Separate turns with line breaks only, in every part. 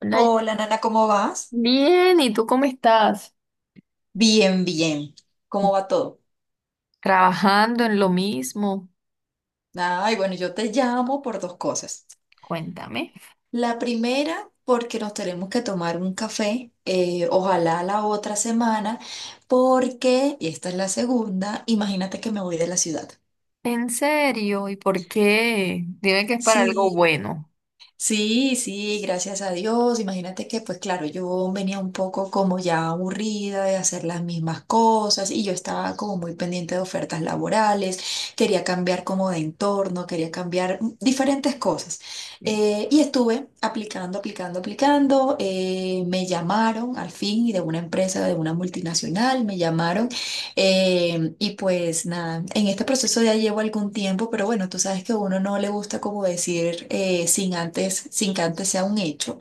Hola,
Hola, Nana, ¿cómo vas?
bien, ¿y tú cómo estás?
Bien, bien. ¿Cómo va todo?
¿Trabajando en lo mismo?
Ay, bueno, yo te llamo por dos cosas.
Cuéntame.
La primera, porque nos tenemos que tomar un café, ojalá la otra semana, porque, y esta es la segunda, imagínate que me voy de la ciudad.
¿En serio? ¿Y por qué? Dime que es para algo
Sí.
bueno.
Sí, sí, gracias a Dios. Imagínate que, pues claro, yo venía un poco como ya aburrida de hacer las mismas cosas y yo estaba como muy pendiente de ofertas laborales, quería cambiar como de entorno, quería cambiar diferentes cosas. Y estuve aplicando, aplicando, aplicando. Me llamaron al fin de una empresa, de una multinacional, me llamaron y pues nada, en este proceso ya llevo algún tiempo, pero bueno, tú sabes que a uno no le gusta como decir sin antes, sin que antes sea un hecho.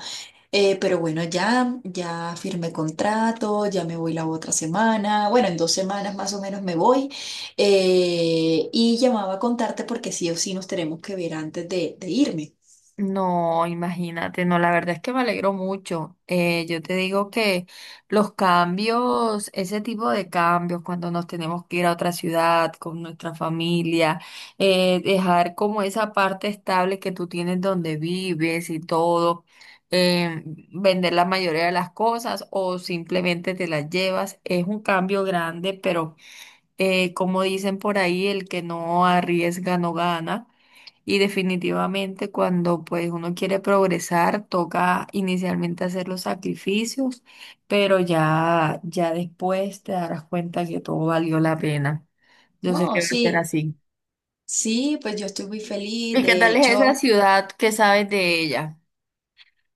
Pero bueno, ya, ya firmé contrato, ya me voy la otra semana, bueno, en 2 semanas más o menos me voy. Y llamaba a contarte porque sí o sí nos tenemos que ver antes de irme.
No, imagínate, no, la verdad es que me alegro mucho. Yo te digo que los cambios, ese tipo de cambios, cuando nos tenemos que ir a otra ciudad con nuestra familia, dejar como esa parte estable que tú tienes donde vives y todo, eh, vender la mayoría de las cosas o simplemente te las llevas, es un cambio grande, pero como dicen por ahí, el que no arriesga no gana. Y definitivamente cuando pues uno quiere progresar, toca inicialmente hacer los sacrificios, pero ya, ya después te darás cuenta que todo valió la pena. Yo sé
No,
que va a ser
sí.
así.
Sí, pues yo estoy muy feliz,
¿Y qué
de
tal es esa
hecho.
ciudad? ¿Qué sabes de ella?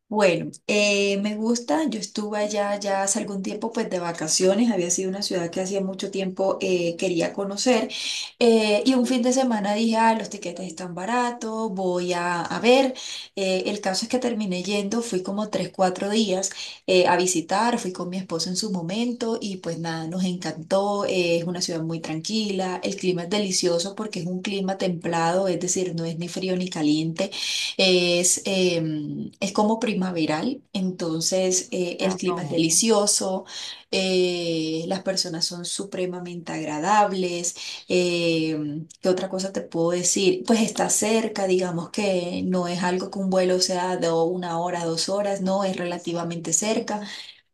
Bueno, me gusta, yo estuve allá ya hace algún tiempo pues de vacaciones, había sido una ciudad que hacía mucho tiempo quería conocer y un fin de semana dije, ah, los tiquetes están baratos, voy a ver. El caso es que terminé yendo, fui como tres, cuatro días a visitar, fui con mi esposo en su momento y pues nada, nos encantó, es una ciudad muy tranquila, el clima es delicioso porque es un clima templado, es decir, no es ni frío ni caliente. Es, es como primaveral, entonces el
Ah,
clima es
no, no.
delicioso, las personas son supremamente agradables. ¿Qué otra cosa te puedo decir? Pues está cerca, digamos que no es algo que un vuelo sea de 1 hora, 2 horas, no, es relativamente cerca.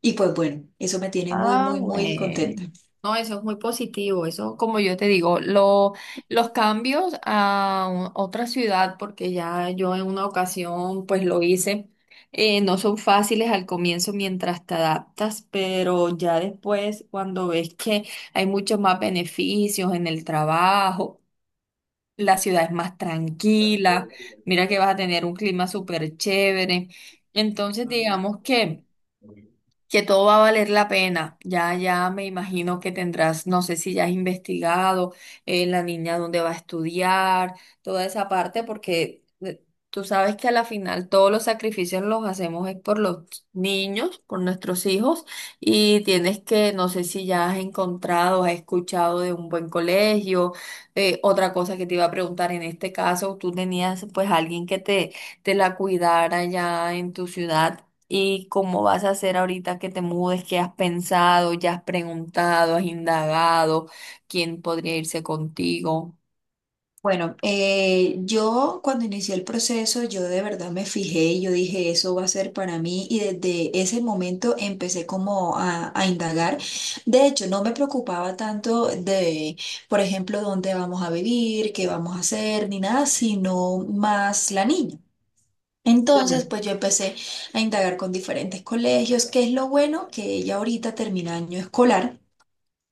Y pues bueno, eso me tiene muy,
Ah,
muy, muy contenta.
bueno. No, eso es muy positivo. Eso, como yo te digo, los cambios a otra ciudad, porque ya yo en una ocasión pues lo hice, no son fáciles al comienzo mientras te adaptas, pero ya después cuando ves que hay muchos más beneficios en el trabajo, la ciudad es más tranquila, mira que vas a tener un clima súper chévere. Entonces, digamos que todo va a valer la pena. Ya, ya me imagino que tendrás, no sé si ya has investigado la niña dónde va a estudiar, toda esa parte, porque tú sabes que a la final todos los sacrificios los hacemos es por los niños, por nuestros hijos, y tienes que, no sé si ya has encontrado, has escuchado de un buen colegio. Otra cosa que te iba a preguntar, en este caso, tú tenías pues alguien que te la cuidara ya en tu ciudad. ¿Y cómo vas a hacer ahorita que te mudes? ¿Qué has pensado? ¿Ya has preguntado? ¿Has indagado? ¿Quién podría irse contigo?
Bueno, yo cuando inicié el proceso, yo de verdad me fijé y yo dije, eso va a ser para mí y desde ese momento empecé como a indagar. De hecho, no me preocupaba tanto de, por ejemplo, dónde vamos a vivir, qué vamos a hacer, ni nada, sino más la niña. Entonces, pues yo empecé a indagar con diferentes colegios, que es lo bueno que ella ahorita termina año escolar.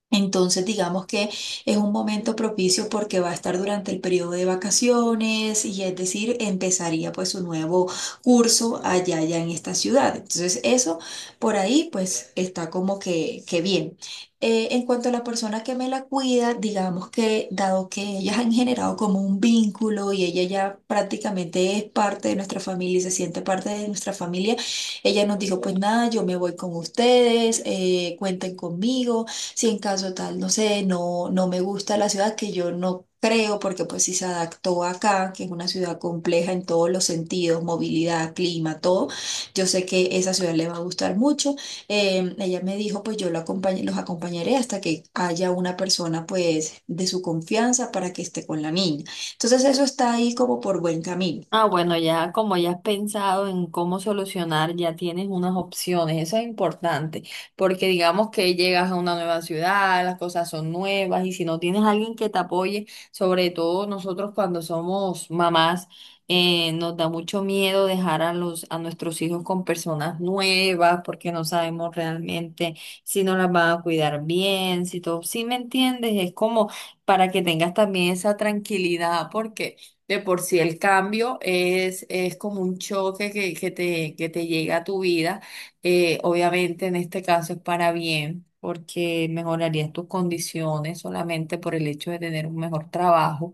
Entonces, digamos que es un momento propicio porque va a estar durante el periodo de vacaciones y es decir, empezaría pues su nuevo curso allá, allá en esta ciudad. Entonces, eso por ahí pues está como que bien. En cuanto a la persona que me la cuida, digamos que dado que ellas han generado como un vínculo y ella ya prácticamente es parte de nuestra familia y se siente parte de nuestra familia, ella nos dijo pues nada, yo me voy con ustedes, cuenten conmigo. Si en caso tal, no sé, no, no me gusta la ciudad, que yo no creo, porque pues si se adaptó acá, que es una ciudad compleja en todos los sentidos, movilidad, clima, todo, yo sé que esa ciudad le va a gustar mucho. Ella me dijo, pues yo lo los acompañaré hasta que haya una persona pues de su confianza para que esté con la niña. Entonces eso está ahí como por buen camino.
Ah, bueno, ya como ya has pensado en cómo solucionar, ya tienes unas opciones, eso es importante, porque digamos que llegas a una nueva ciudad, las cosas son nuevas y si no tienes alguien que te apoye, sobre todo nosotros cuando somos mamás, nos da mucho miedo dejar a los, a nuestros hijos con personas nuevas porque no sabemos realmente si nos las van a cuidar bien, si todo, si me entiendes, es como para que tengas también esa tranquilidad porque... De por sí el cambio es como un choque que te llega a tu vida. Obviamente en este caso es para bien, porque mejorarías tus condiciones solamente por el hecho de tener un mejor trabajo.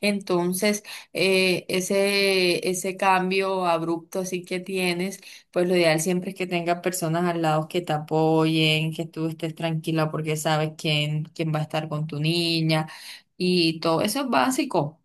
Entonces, ese cambio abrupto así que tienes, pues lo ideal siempre es que tengas personas al lado que te apoyen, que tú estés tranquila porque sabes quién va a estar con tu niña y todo eso es básico.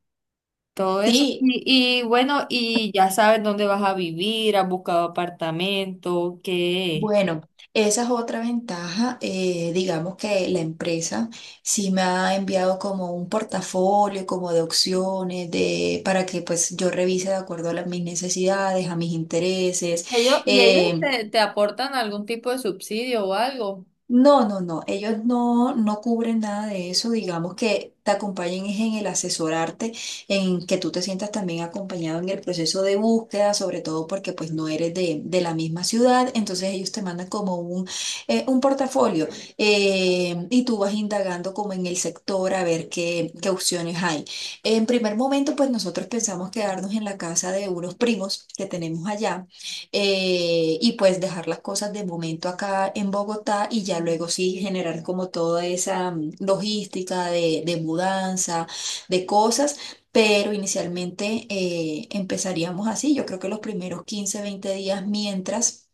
Todo eso.
Sí.
Y bueno, y ya sabes dónde vas a vivir, has buscado apartamento, qué.
Bueno, esa es otra ventaja. Digamos que la empresa sí me ha enviado como un portafolio, como de opciones, de, para que pues yo revise de acuerdo a mis necesidades, a mis intereses.
Ellos, y ellos
eh,
te aportan algún tipo de subsidio o algo.
no, no, no, ellos no, no cubren nada de eso, digamos que te acompañen es en el asesorarte, en que tú te sientas también acompañado en el proceso de búsqueda, sobre todo porque pues no eres de la misma ciudad, entonces ellos te mandan como un portafolio y tú vas indagando como en el sector a ver qué opciones hay. En primer momento pues nosotros pensamos quedarnos en la casa de unos primos que tenemos allá y pues dejar las cosas de momento acá en Bogotá y ya luego sí generar como toda esa logística de mudanza, de cosas. Pero inicialmente empezaríamos así, yo creo que los primeros 15 20 días mientras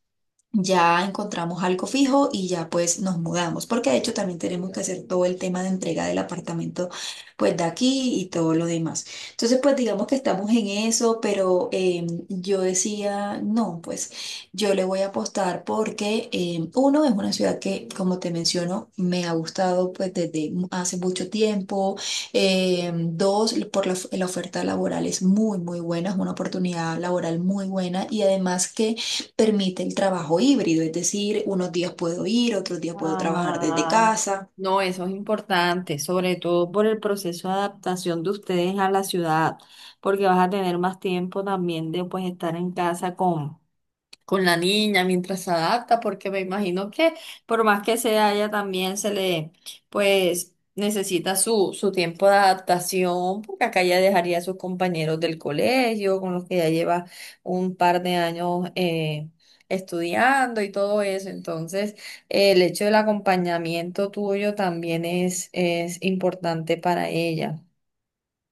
ya encontramos algo fijo y ya pues nos mudamos, porque de hecho también tenemos que hacer todo el tema de entrega del apartamento pues de aquí y todo lo demás. Entonces pues digamos que estamos en eso, pero yo decía, no, pues yo le voy a apostar porque uno es una ciudad que como te menciono me ha gustado pues desde hace mucho tiempo. Dos, por la, la oferta laboral es muy muy buena, es una oportunidad laboral muy buena y además que permite el trabajo híbrido, es decir, unos días puedo ir, otros días puedo trabajar desde
Ah,
casa.
no, eso es importante, sobre todo por el proceso de adaptación de ustedes a la ciudad, porque vas a tener más tiempo también de pues estar en casa con la niña mientras se adapta, porque me imagino que por más que sea ella también se le, pues necesita su tiempo de adaptación, porque acá ya dejaría a sus compañeros del colegio, con los que ya lleva un par de años estudiando y todo eso. Entonces, el hecho del acompañamiento tuyo también es importante para ella.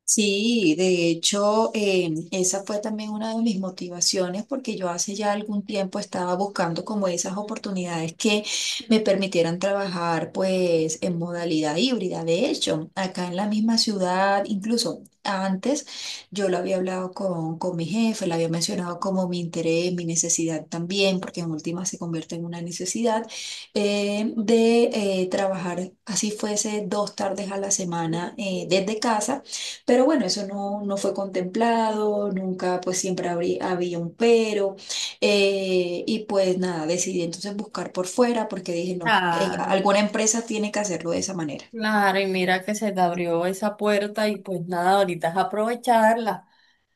Sí, de hecho, esa fue también una de mis motivaciones porque yo hace ya algún tiempo estaba buscando como esas oportunidades que me permitieran trabajar pues en modalidad híbrida. De hecho, acá en la misma ciudad, incluso antes, yo lo había hablado con mi jefe, le había mencionado como mi interés, mi necesidad también, porque en última se convierte en una necesidad de trabajar así fuese 2 tardes a la semana desde casa pero bueno, eso no, no fue contemplado, nunca, pues siempre había un pero. Y pues nada, decidí entonces buscar por fuera porque dije, no,
Claro,
alguna empresa tiene que hacerlo de esa manera.
claro, y mira que se te abrió esa puerta y pues nada, ahorita es aprovecharla.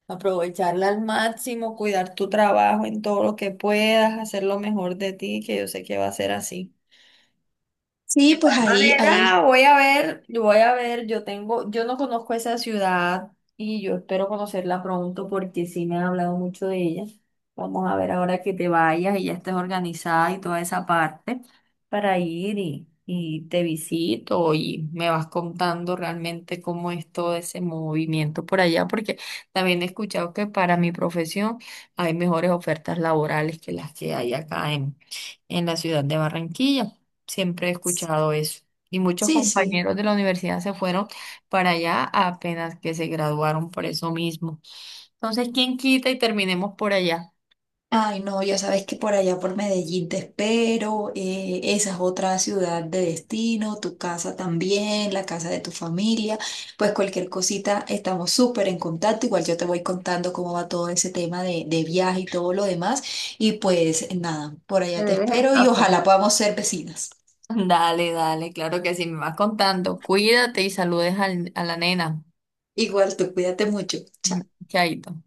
Aprovecharla al máximo, cuidar tu trabajo en todo lo que puedas, hacer lo mejor de ti, que yo sé que va a ser así. De
Sí, pues
igual
ahí,
manera,
ahí,
voy a ver, yo tengo, yo no conozco esa ciudad y yo espero conocerla pronto porque sí me han hablado mucho de ella. Vamos a ver ahora que te vayas y ya estés organizada y toda esa parte para ir y te visito y me vas contando realmente cómo es todo ese movimiento por allá, porque también he escuchado que para mi profesión hay mejores ofertas laborales que las que hay acá en la ciudad de Barranquilla. Siempre he escuchado eso. Y muchos
sí, sí.
compañeros de la universidad se fueron para allá apenas que se graduaron por eso mismo. Entonces, ¿quién quita y terminemos por allá?
Ay, no, ya sabes que por allá por Medellín te espero, esa es otra ciudad de destino, tu casa también, la casa de tu familia, pues cualquier cosita estamos súper en contacto, igual yo te voy contando cómo va todo ese tema de viaje y todo lo demás, y pues nada, por
Me
allá te
debes el
espero y
café.
ojalá podamos ser vecinas.
Dale, dale, claro que sí, me vas contando. Cuídate y saludes a la nena.
Igual tú cuídate mucho.
Mm,
Chao.
chaito.